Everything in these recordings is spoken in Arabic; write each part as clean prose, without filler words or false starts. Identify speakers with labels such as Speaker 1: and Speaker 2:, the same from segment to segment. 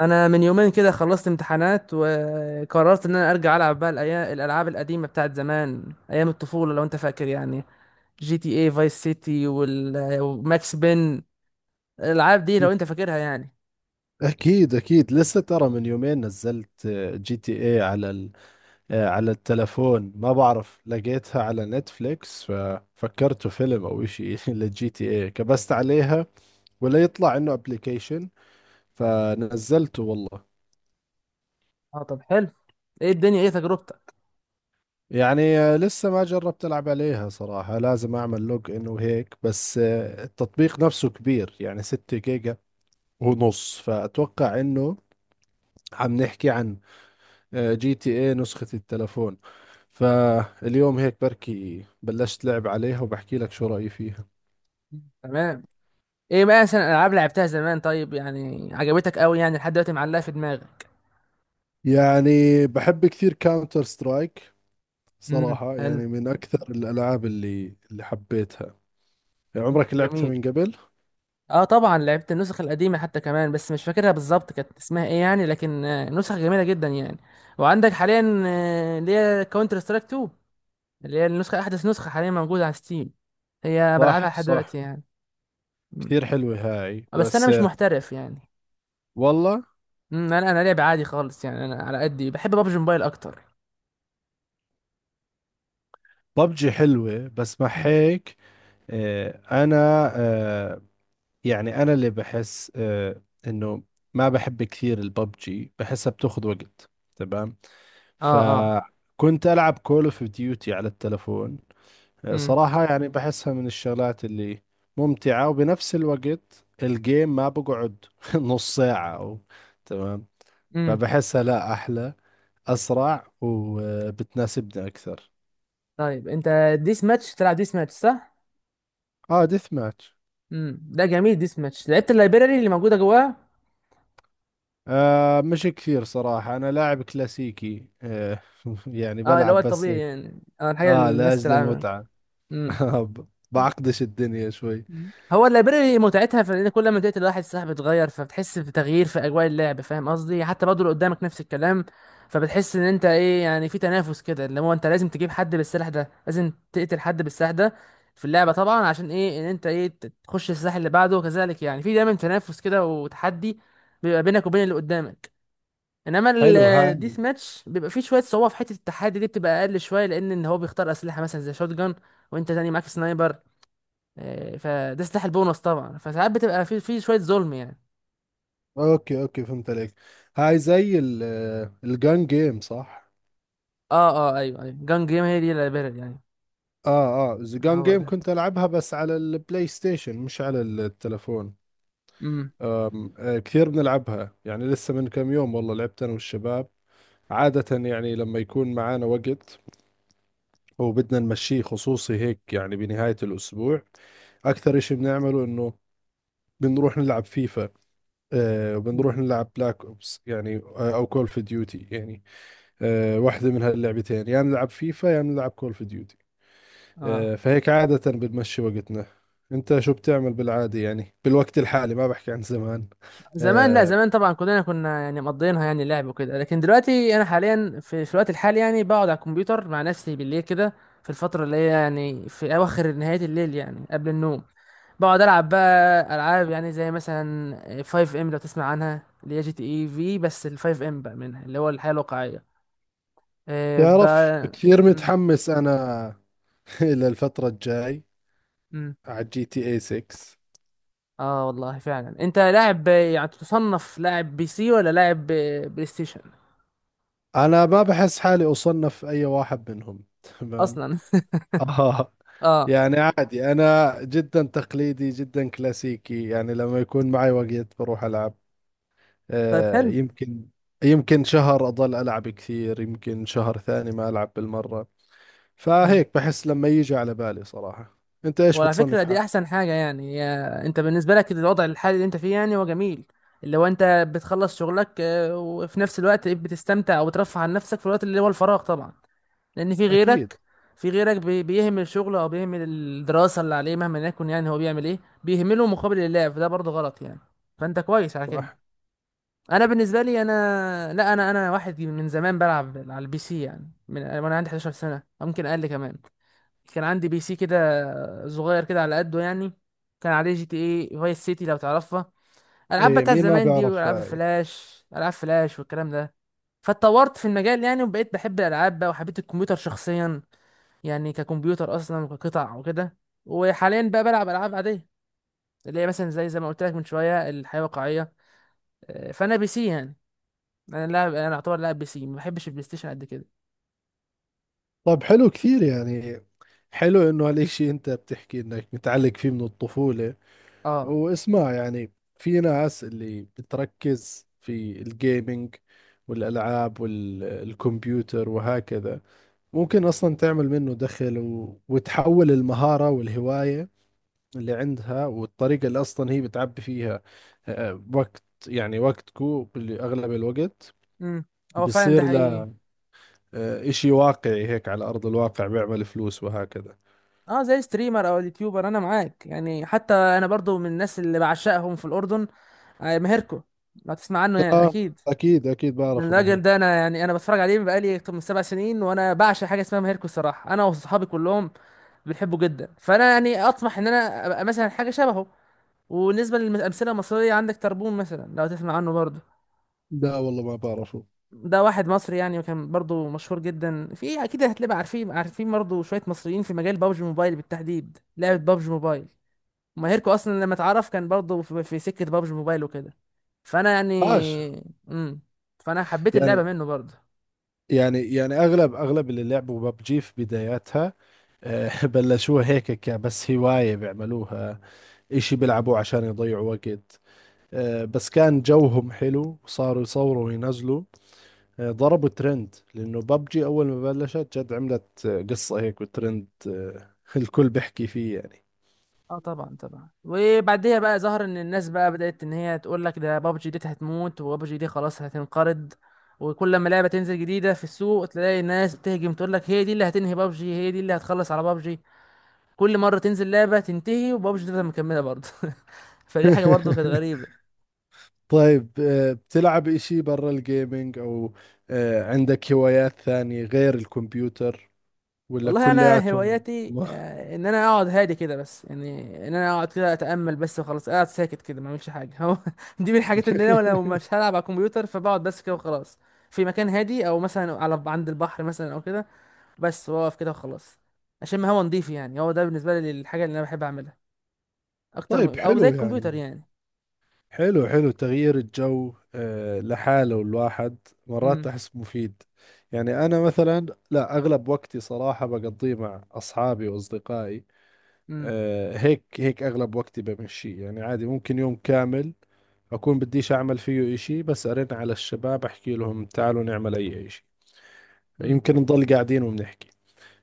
Speaker 1: انا من يومين كده خلصت امتحانات وقررت ان انا ارجع العب بقى الالعاب القديمه بتاعت زمان ايام الطفوله لو انت فاكر يعني. جي تي اي فايس سيتي وماكس بين. الالعاب دي لو انت فاكرها يعني.
Speaker 2: أكيد أكيد لسه ترى من يومين نزلت جي تي اي على على التلفون. ما بعرف لقيتها على نتفليكس ففكرته فيلم أو إشي للجي تي اي كبست عليها ولا يطلع إنه أبليكيشن فنزلته والله.
Speaker 1: اه طب حلو. ايه الدنيا، ايه تجربتك؟
Speaker 2: يعني لسه ما جربت ألعب عليها صراحة، لازم أعمل لوج إن وهيك. بس التطبيق نفسه كبير يعني 6 جيجا ونص، فأتوقع إنه عم نحكي عن جي تي اي نسخة التلفون. فاليوم هيك بركي بلشت لعب عليها وبحكي لك شو رأيي فيها.
Speaker 1: تمام. ايه بقى مثلا الالعاب لعبتها زمان طيب يعني، عجبتك قوي يعني لحد دلوقتي معلقه في دماغك؟
Speaker 2: يعني بحب كثير كاونتر سترايك صراحة،
Speaker 1: حلو.
Speaker 2: يعني من أكثر الألعاب اللي حبيتها.
Speaker 1: مم،
Speaker 2: عمرك لعبتها
Speaker 1: جميل.
Speaker 2: من قبل؟
Speaker 1: اه طبعا لعبت النسخ القديمه حتى كمان، بس مش فاكرها بالظبط كانت اسمها ايه يعني، لكن نسخ جميله جدا يعني. وعندك حاليا اللي هي كاونتر سترايك 2، اللي هي النسخه احدث نسخه حاليا موجوده على ستيم. هي بلعبها
Speaker 2: صح
Speaker 1: لحد دلوقتي
Speaker 2: صح،
Speaker 1: يعني. مم.
Speaker 2: كثير حلوة هاي.
Speaker 1: بس انا
Speaker 2: بس
Speaker 1: مش محترف يعني.
Speaker 2: والله.
Speaker 1: مم، انا لعب عادي خالص يعني. انا على قدي بحب بابجي موبايل اكتر.
Speaker 2: ببجي حلوة بس مع
Speaker 1: مم.
Speaker 2: هيك. آه، أنا آه، يعني أنا اللي بحس إنه ما بحب كثير الببجي، بحسها بتاخذ وقت. تمام.
Speaker 1: اه اه.
Speaker 2: فكنت ألعب كول اوف ديوتي على التلفون.
Speaker 1: امم.
Speaker 2: صراحة يعني بحسها من الشغلات اللي ممتعة، وبنفس الوقت الجيم ما بقعد نص ساعة أو. تمام.
Speaker 1: امم.
Speaker 2: فبحسها لا، أحلى، أسرع وبتناسبني أكثر.
Speaker 1: طيب انت ديس ماتش، تلعب ديس ماتش صح؟
Speaker 2: اه، ديث ماتش.
Speaker 1: امم، ده جميل. ديس ماتش لعبت اللايبراري اللي موجوده جواه؟
Speaker 2: مش كثير صراحة، انا لاعب كلاسيكي يعني
Speaker 1: اه، اللي هو
Speaker 2: بلعب بس
Speaker 1: الطبيعي
Speaker 2: هيك.
Speaker 1: يعني، اه الحاجه اللي
Speaker 2: اه،
Speaker 1: الناس
Speaker 2: لاجل
Speaker 1: تلعبها.
Speaker 2: المتعة.
Speaker 1: مم.
Speaker 2: بعقدش الدنيا شوي.
Speaker 1: مم. هو اللايبراري متعتها في ان كل ما تقتل واحد السلاح بيتغير، فبتحس بتغيير في اجواء اللعب، فاهم قصدي؟ حتى برضه اللي قدامك نفس الكلام. فبتحس ان انت ايه يعني، في تنافس كده اللي هو انت لازم تجيب حد بالسلاح ده، لازم تقتل حد بالسلاح ده في اللعبه طبعا، عشان ايه؟ ان انت ايه تخش السلاح اللي بعده، وكذلك يعني في دايما تنافس كده وتحدي بيبقى بينك وبين اللي قدامك. انما
Speaker 2: حلو هاي.
Speaker 1: الديث ماتش بيبقى فيه شويه صعوبه، في حته التحدي دي بتبقى اقل شويه، لان ان هو بيختار اسلحه مثلا زي شوت جان وانت تاني معاك سنايبر، فده سلاح البونص طبعا، فساعات بتبقى في شويه ظلم يعني.
Speaker 2: اوكي اوكي، فهمت عليك. هاي زي الجان جيم، صح؟
Speaker 1: اه اه، ايوه ايوه، جان جيم هي دي الليبرال يعني.
Speaker 2: اه اه، الجان
Speaker 1: هو
Speaker 2: جيم
Speaker 1: ده.
Speaker 2: كنت العبها بس على البلاي ستيشن مش على التلفون.
Speaker 1: امم.
Speaker 2: آم آه كثير بنلعبها يعني، لسه من كم يوم والله لعبت انا والشباب. عادة يعني لما يكون معانا وقت وبدنا نمشيه، خصوصي هيك يعني بنهاية الأسبوع، أكثر إشي بنعمله إنه بنروح نلعب فيفا وبنروح
Speaker 1: أمم.
Speaker 2: نلعب بلاك أوبس، يعني أو كول اوف ديوتي يعني. واحدة من هاللعبتين، يا يعني نلعب فيفا، يا يعني نلعب كول اوف ديوتي.
Speaker 1: اه
Speaker 2: فهيك عادة بنمشي وقتنا. أنت شو بتعمل بالعادة؟ يعني بالوقت الحالي، ما بحكي عن زمان.
Speaker 1: زمان، لا
Speaker 2: آه
Speaker 1: زمان طبعا كلنا كنا يعني مقضيينها يعني لعب وكده، لكن دلوقتي انا حاليا في الوقت الحالي يعني بقعد على الكمبيوتر مع نفسي بالليل كده. في الفتره اللي هي يعني في اواخر نهايه الليل يعني قبل النوم بقعد العب بقى العاب يعني زي مثلا 5 ام لو تسمع عنها، اللي هي جي تي اي في، بس ال 5 ام بقى منها اللي هو الحياه الواقعيه
Speaker 2: تعرف
Speaker 1: بقى.
Speaker 2: كثير متحمس أنا للفترة الجاي
Speaker 1: امم.
Speaker 2: على جي تي اي 6.
Speaker 1: اه والله فعلا، انت لاعب يعني، تصنف لاعب بي سي ولا لاعب بلاي ستيشن
Speaker 2: انا ما بحس حالي اصنف اي واحد منهم تمام.
Speaker 1: اصلا؟
Speaker 2: اه،
Speaker 1: اه.
Speaker 2: يعني عادي انا جدا تقليدي، جدا كلاسيكي، يعني لما يكون معي وقت بروح العب.
Speaker 1: طيب
Speaker 2: آه
Speaker 1: حلو.
Speaker 2: يمكن يمكن شهر اضل العب كثير، يمكن شهر ثاني ما العب بالمرة.
Speaker 1: امم.
Speaker 2: فهيك بحس لما يجي على بالي صراحة. انت ايش
Speaker 1: وعلى فكره
Speaker 2: بتصنف
Speaker 1: دي
Speaker 2: حالك؟
Speaker 1: احسن حاجه يعني، يا انت بالنسبه لك الوضع الحالي اللي انت فيه يعني هو جميل. اللي هو انت بتخلص شغلك وفي نفس الوقت بتستمتع وبترفه عن نفسك في الوقت اللي هو الفراغ طبعا. لان في
Speaker 2: اكيد.
Speaker 1: غيرك، في غيرك بيهمل شغله او بيهمل الدراسه اللي عليه، مهما يكن يعني هو بيعمل ايه بيهمله مقابل اللعب، فده برضه غلط يعني. فانت كويس على كده.
Speaker 2: صح.
Speaker 1: انا بالنسبه لي، انا لا، انا واحد من زمان بلعب على البي سي يعني من وانا عندي 11 سنه أو ممكن اقل كمان. كان عندي بي سي كده صغير كده على قده يعني. كان عليه جي تي اي فايس سيتي لو تعرفها، العاب
Speaker 2: إيه،
Speaker 1: بتاعت
Speaker 2: مين ما
Speaker 1: زمان دي،
Speaker 2: بيعرف
Speaker 1: والعاب
Speaker 2: هاي؟
Speaker 1: فلاش، العاب فلاش والكلام ده. فاتطورت في المجال يعني وبقيت بحب الالعاب بقى، وحبيت الكمبيوتر شخصيا يعني ككمبيوتر اصلا وكقطع وكده. وحاليا بقى بلعب العاب عاديه اللي هي مثلا زي زي ما قلت لك من شويه الحياه الواقعيه، فانا بي سي يعني. انا لاعب، انا اعتبر لاعب بي سي، ما بحبش البلاي ستيشن قد كده.
Speaker 2: طب حلو كثير يعني، حلو انه هالشيء انت بتحكي انك متعلق فيه من الطفولة.
Speaker 1: اه.
Speaker 2: واسمع يعني، في ناس اللي بتركز في الجيمينج والألعاب والكمبيوتر وهكذا، ممكن أصلا تعمل منه دخل و... وتحول المهارة والهواية اللي عندها والطريقة اللي أصلا هي بتعبي فيها وقت، يعني وقتكو أغلب الوقت
Speaker 1: امم. هو فعلا ده
Speaker 2: بيصير
Speaker 1: حقيقي.
Speaker 2: له إشي واقعي هيك على أرض الواقع، بيعمل فلوس وهكذا.
Speaker 1: اه، زي ستريمر او اليوتيوبر. انا معاك يعني، حتى انا برضو من الناس اللي بعشقهم في الاردن ماهركو لو تسمع عنه يعني
Speaker 2: آه
Speaker 1: اكيد.
Speaker 2: أكيد أكيد
Speaker 1: من
Speaker 2: بعرفه
Speaker 1: الراجل
Speaker 2: ماهر.
Speaker 1: ده انا يعني، انا بتفرج عليه بقالي اكتر من 7 سنين، وانا بعشق حاجه اسمها ماهركو الصراحه، انا وصحابي كلهم بنحبه جدا. فانا يعني اطمح ان انا ابقى مثلا حاجه شبهه. وبالنسبه للامثله المصريه، عندك تربون مثلا لو تسمع عنه برضو.
Speaker 2: لا والله ما بعرفه.
Speaker 1: ده واحد مصري يعني، وكان برضو مشهور جدا. في اكيد هتلاقي عارفين، عارفين برضو شويه مصريين في مجال بابجي موبايل بالتحديد، لعبه بابجي موبايل. ماهركو اصلا لما اتعرف كان برضو في سكه بابجي موبايل وكده. فانا يعني.
Speaker 2: عاش.
Speaker 1: امم. فانا حبيت اللعبه
Speaker 2: يعني
Speaker 1: منه برضو.
Speaker 2: يعني اغلب اللي لعبوا ببجي في بداياتها بلشوها هيك كبس هواية بيعملوها، اشي بيلعبوه عشان يضيعوا وقت. بس كان جوهم حلو وصاروا يصوروا وينزلوا. ضربوا ترند، لانه ببجي اول ما بلشت جد عملت قصة هيك وترند الكل بيحكي فيه يعني.
Speaker 1: اه طبعا طبعا، وبعديها بقى ظهر ان الناس بقى بدات ان هي تقول لك ده بابجي دي هتموت، وبابجي دي خلاص هتنقرض. وكل ما لعبه تنزل جديده في السوق تلاقي الناس بتهجم تقول لك هي دي اللي هتنهي بابجي، هي دي اللي هتخلص على بابجي. كل مره تنزل لعبه تنتهي، وبابجي تفضل مكمله برضه. فدي حاجه برضه كانت غريبه.
Speaker 2: طيب، بتلعب اشي برا الجيمينج او عندك هوايات ثانية غير الكمبيوتر، ولا
Speaker 1: والله انا
Speaker 2: كلياتهم؟
Speaker 1: هواياتي ان انا اقعد هادي كده بس يعني، ان انا اقعد كده اتامل بس وخلاص، قاعد ساكت كده ما اعملش حاجه. هو دي من الحاجات اللي انا لو مش هلعب على الكمبيوتر فبقعد بس كده وخلاص. في مكان هادي او مثلا على عند البحر مثلا او كده، بس واقف كده وخلاص، اشم هوا نضيف. يعني هو ده بالنسبه لي الحاجه اللي انا بحب اعملها اكتر
Speaker 2: طيب
Speaker 1: من او زي
Speaker 2: حلو
Speaker 1: الكمبيوتر
Speaker 2: يعني.
Speaker 1: يعني.
Speaker 2: حلو، حلو تغيير الجو لحاله الواحد، مرات
Speaker 1: امم.
Speaker 2: أحس مفيد. يعني أنا مثلا لا، أغلب وقتي صراحة بقضيه مع أصحابي وأصدقائي.
Speaker 1: امم.
Speaker 2: هيك هيك أغلب وقتي بمشي، يعني عادي ممكن يوم كامل أكون بديش أعمل فيه إشي، بس أرن على الشباب أحكي لهم تعالوا نعمل أي إشي.
Speaker 1: امم.
Speaker 2: يمكن نضل قاعدين وبنحكي.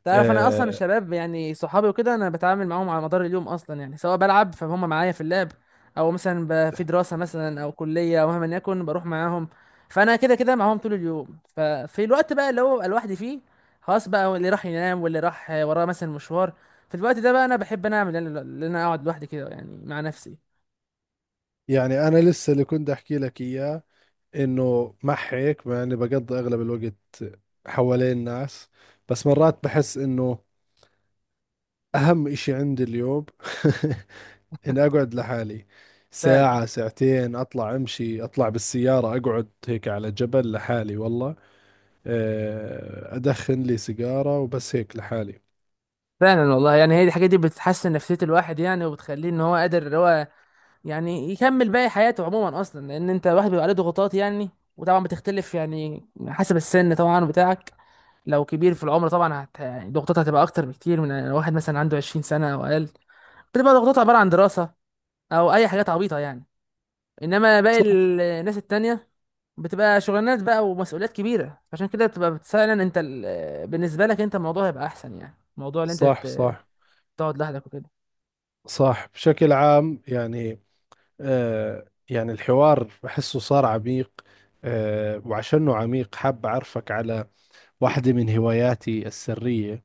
Speaker 1: تعرف انا اصلا
Speaker 2: آه،
Speaker 1: الشباب يعني صحابي وكده، انا بتعامل معاهم على مدار اليوم اصلا يعني، سواء بلعب فهم معايا في اللعب، او مثلا في دراسه مثلا او كليه او مهما يكن بروح معاهم. فانا كده كده معاهم طول اليوم. ففي الوقت بقى اللي هو ببقى لوحدي فيه، خلاص بقى اللي راح ينام واللي راح وراه مثلا مشوار، في الوقت ده بقى انا بحب انا اعمل ان انا اقعد لوحدي كده يعني مع نفسي.
Speaker 2: يعني أنا لسه اللي كنت أحكي لك إياه، انه مع هيك مع اني بقضي اغلب الوقت حوالين الناس، بس مرات بحس انه اهم اشي عندي اليوم اني اقعد لحالي
Speaker 1: فعلا.
Speaker 2: ساعة ساعتين، اطلع امشي، اطلع بالسيارة، اقعد هيك على جبل لحالي والله. ادخن لي سيجارة وبس هيك لحالي.
Speaker 1: فعلا والله يعني، هي دي الحاجات دي بتحسن نفسيه الواحد يعني، وبتخليه ان هو قادر ان هو يعني يكمل باقي حياته عموما. اصلا لان انت الواحد بيبقى عليه ضغوطات يعني، وطبعا بتختلف يعني حسب السن طبعا بتاعك. لو كبير في العمر طبعا يعني ضغوطاتها هتبقى اكتر بكتير من واحد مثلا عنده 20 سنه او اقل، بتبقى ضغوطاتها عباره عن دراسه او اي حاجات عبيطه يعني. انما باقي
Speaker 2: صح.
Speaker 1: الناس التانية بتبقى شغلانات بقى ومسؤوليات كبيره، عشان كده بتبقى فعلا انت بالنسبه لك انت الموضوع هيبقى احسن يعني. الموضوع اللي انت
Speaker 2: صح صح
Speaker 1: تقعد لوحدك وكده.
Speaker 2: صح. بشكل عام يعني يعني الحوار بحسه صار عميق. وعشانه عميق حاب أعرفك على واحدة من هواياتي السرية.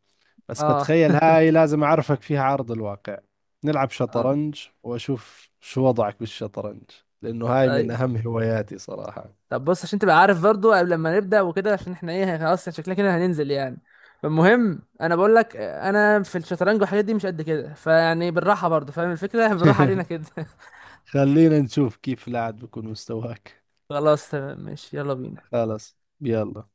Speaker 2: بس
Speaker 1: اه
Speaker 2: بتخيل هاي لازم أعرفك فيها عرض الواقع. نلعب
Speaker 1: اه.
Speaker 2: شطرنج وأشوف شو وضعك بالشطرنج، لأنه هاي من أهم هواياتي صراحة.
Speaker 1: طب بص عشان تبقى عارف برضو، قبل لما نبدأ وكده، عشان احنا ايه خلاص شكلنا كده هننزل يعني. فالمهم انا بقول لك انا في الشطرنج والحاجات دي مش قد كده، فيعني بالراحة برضو، فاهم الفكرة؟ بالراحة علينا كده.
Speaker 2: خلينا نشوف كيف لاعب بكون مستواك.
Speaker 1: خلاص تمام ماشي، يلا بينا.
Speaker 2: خلص، يلا.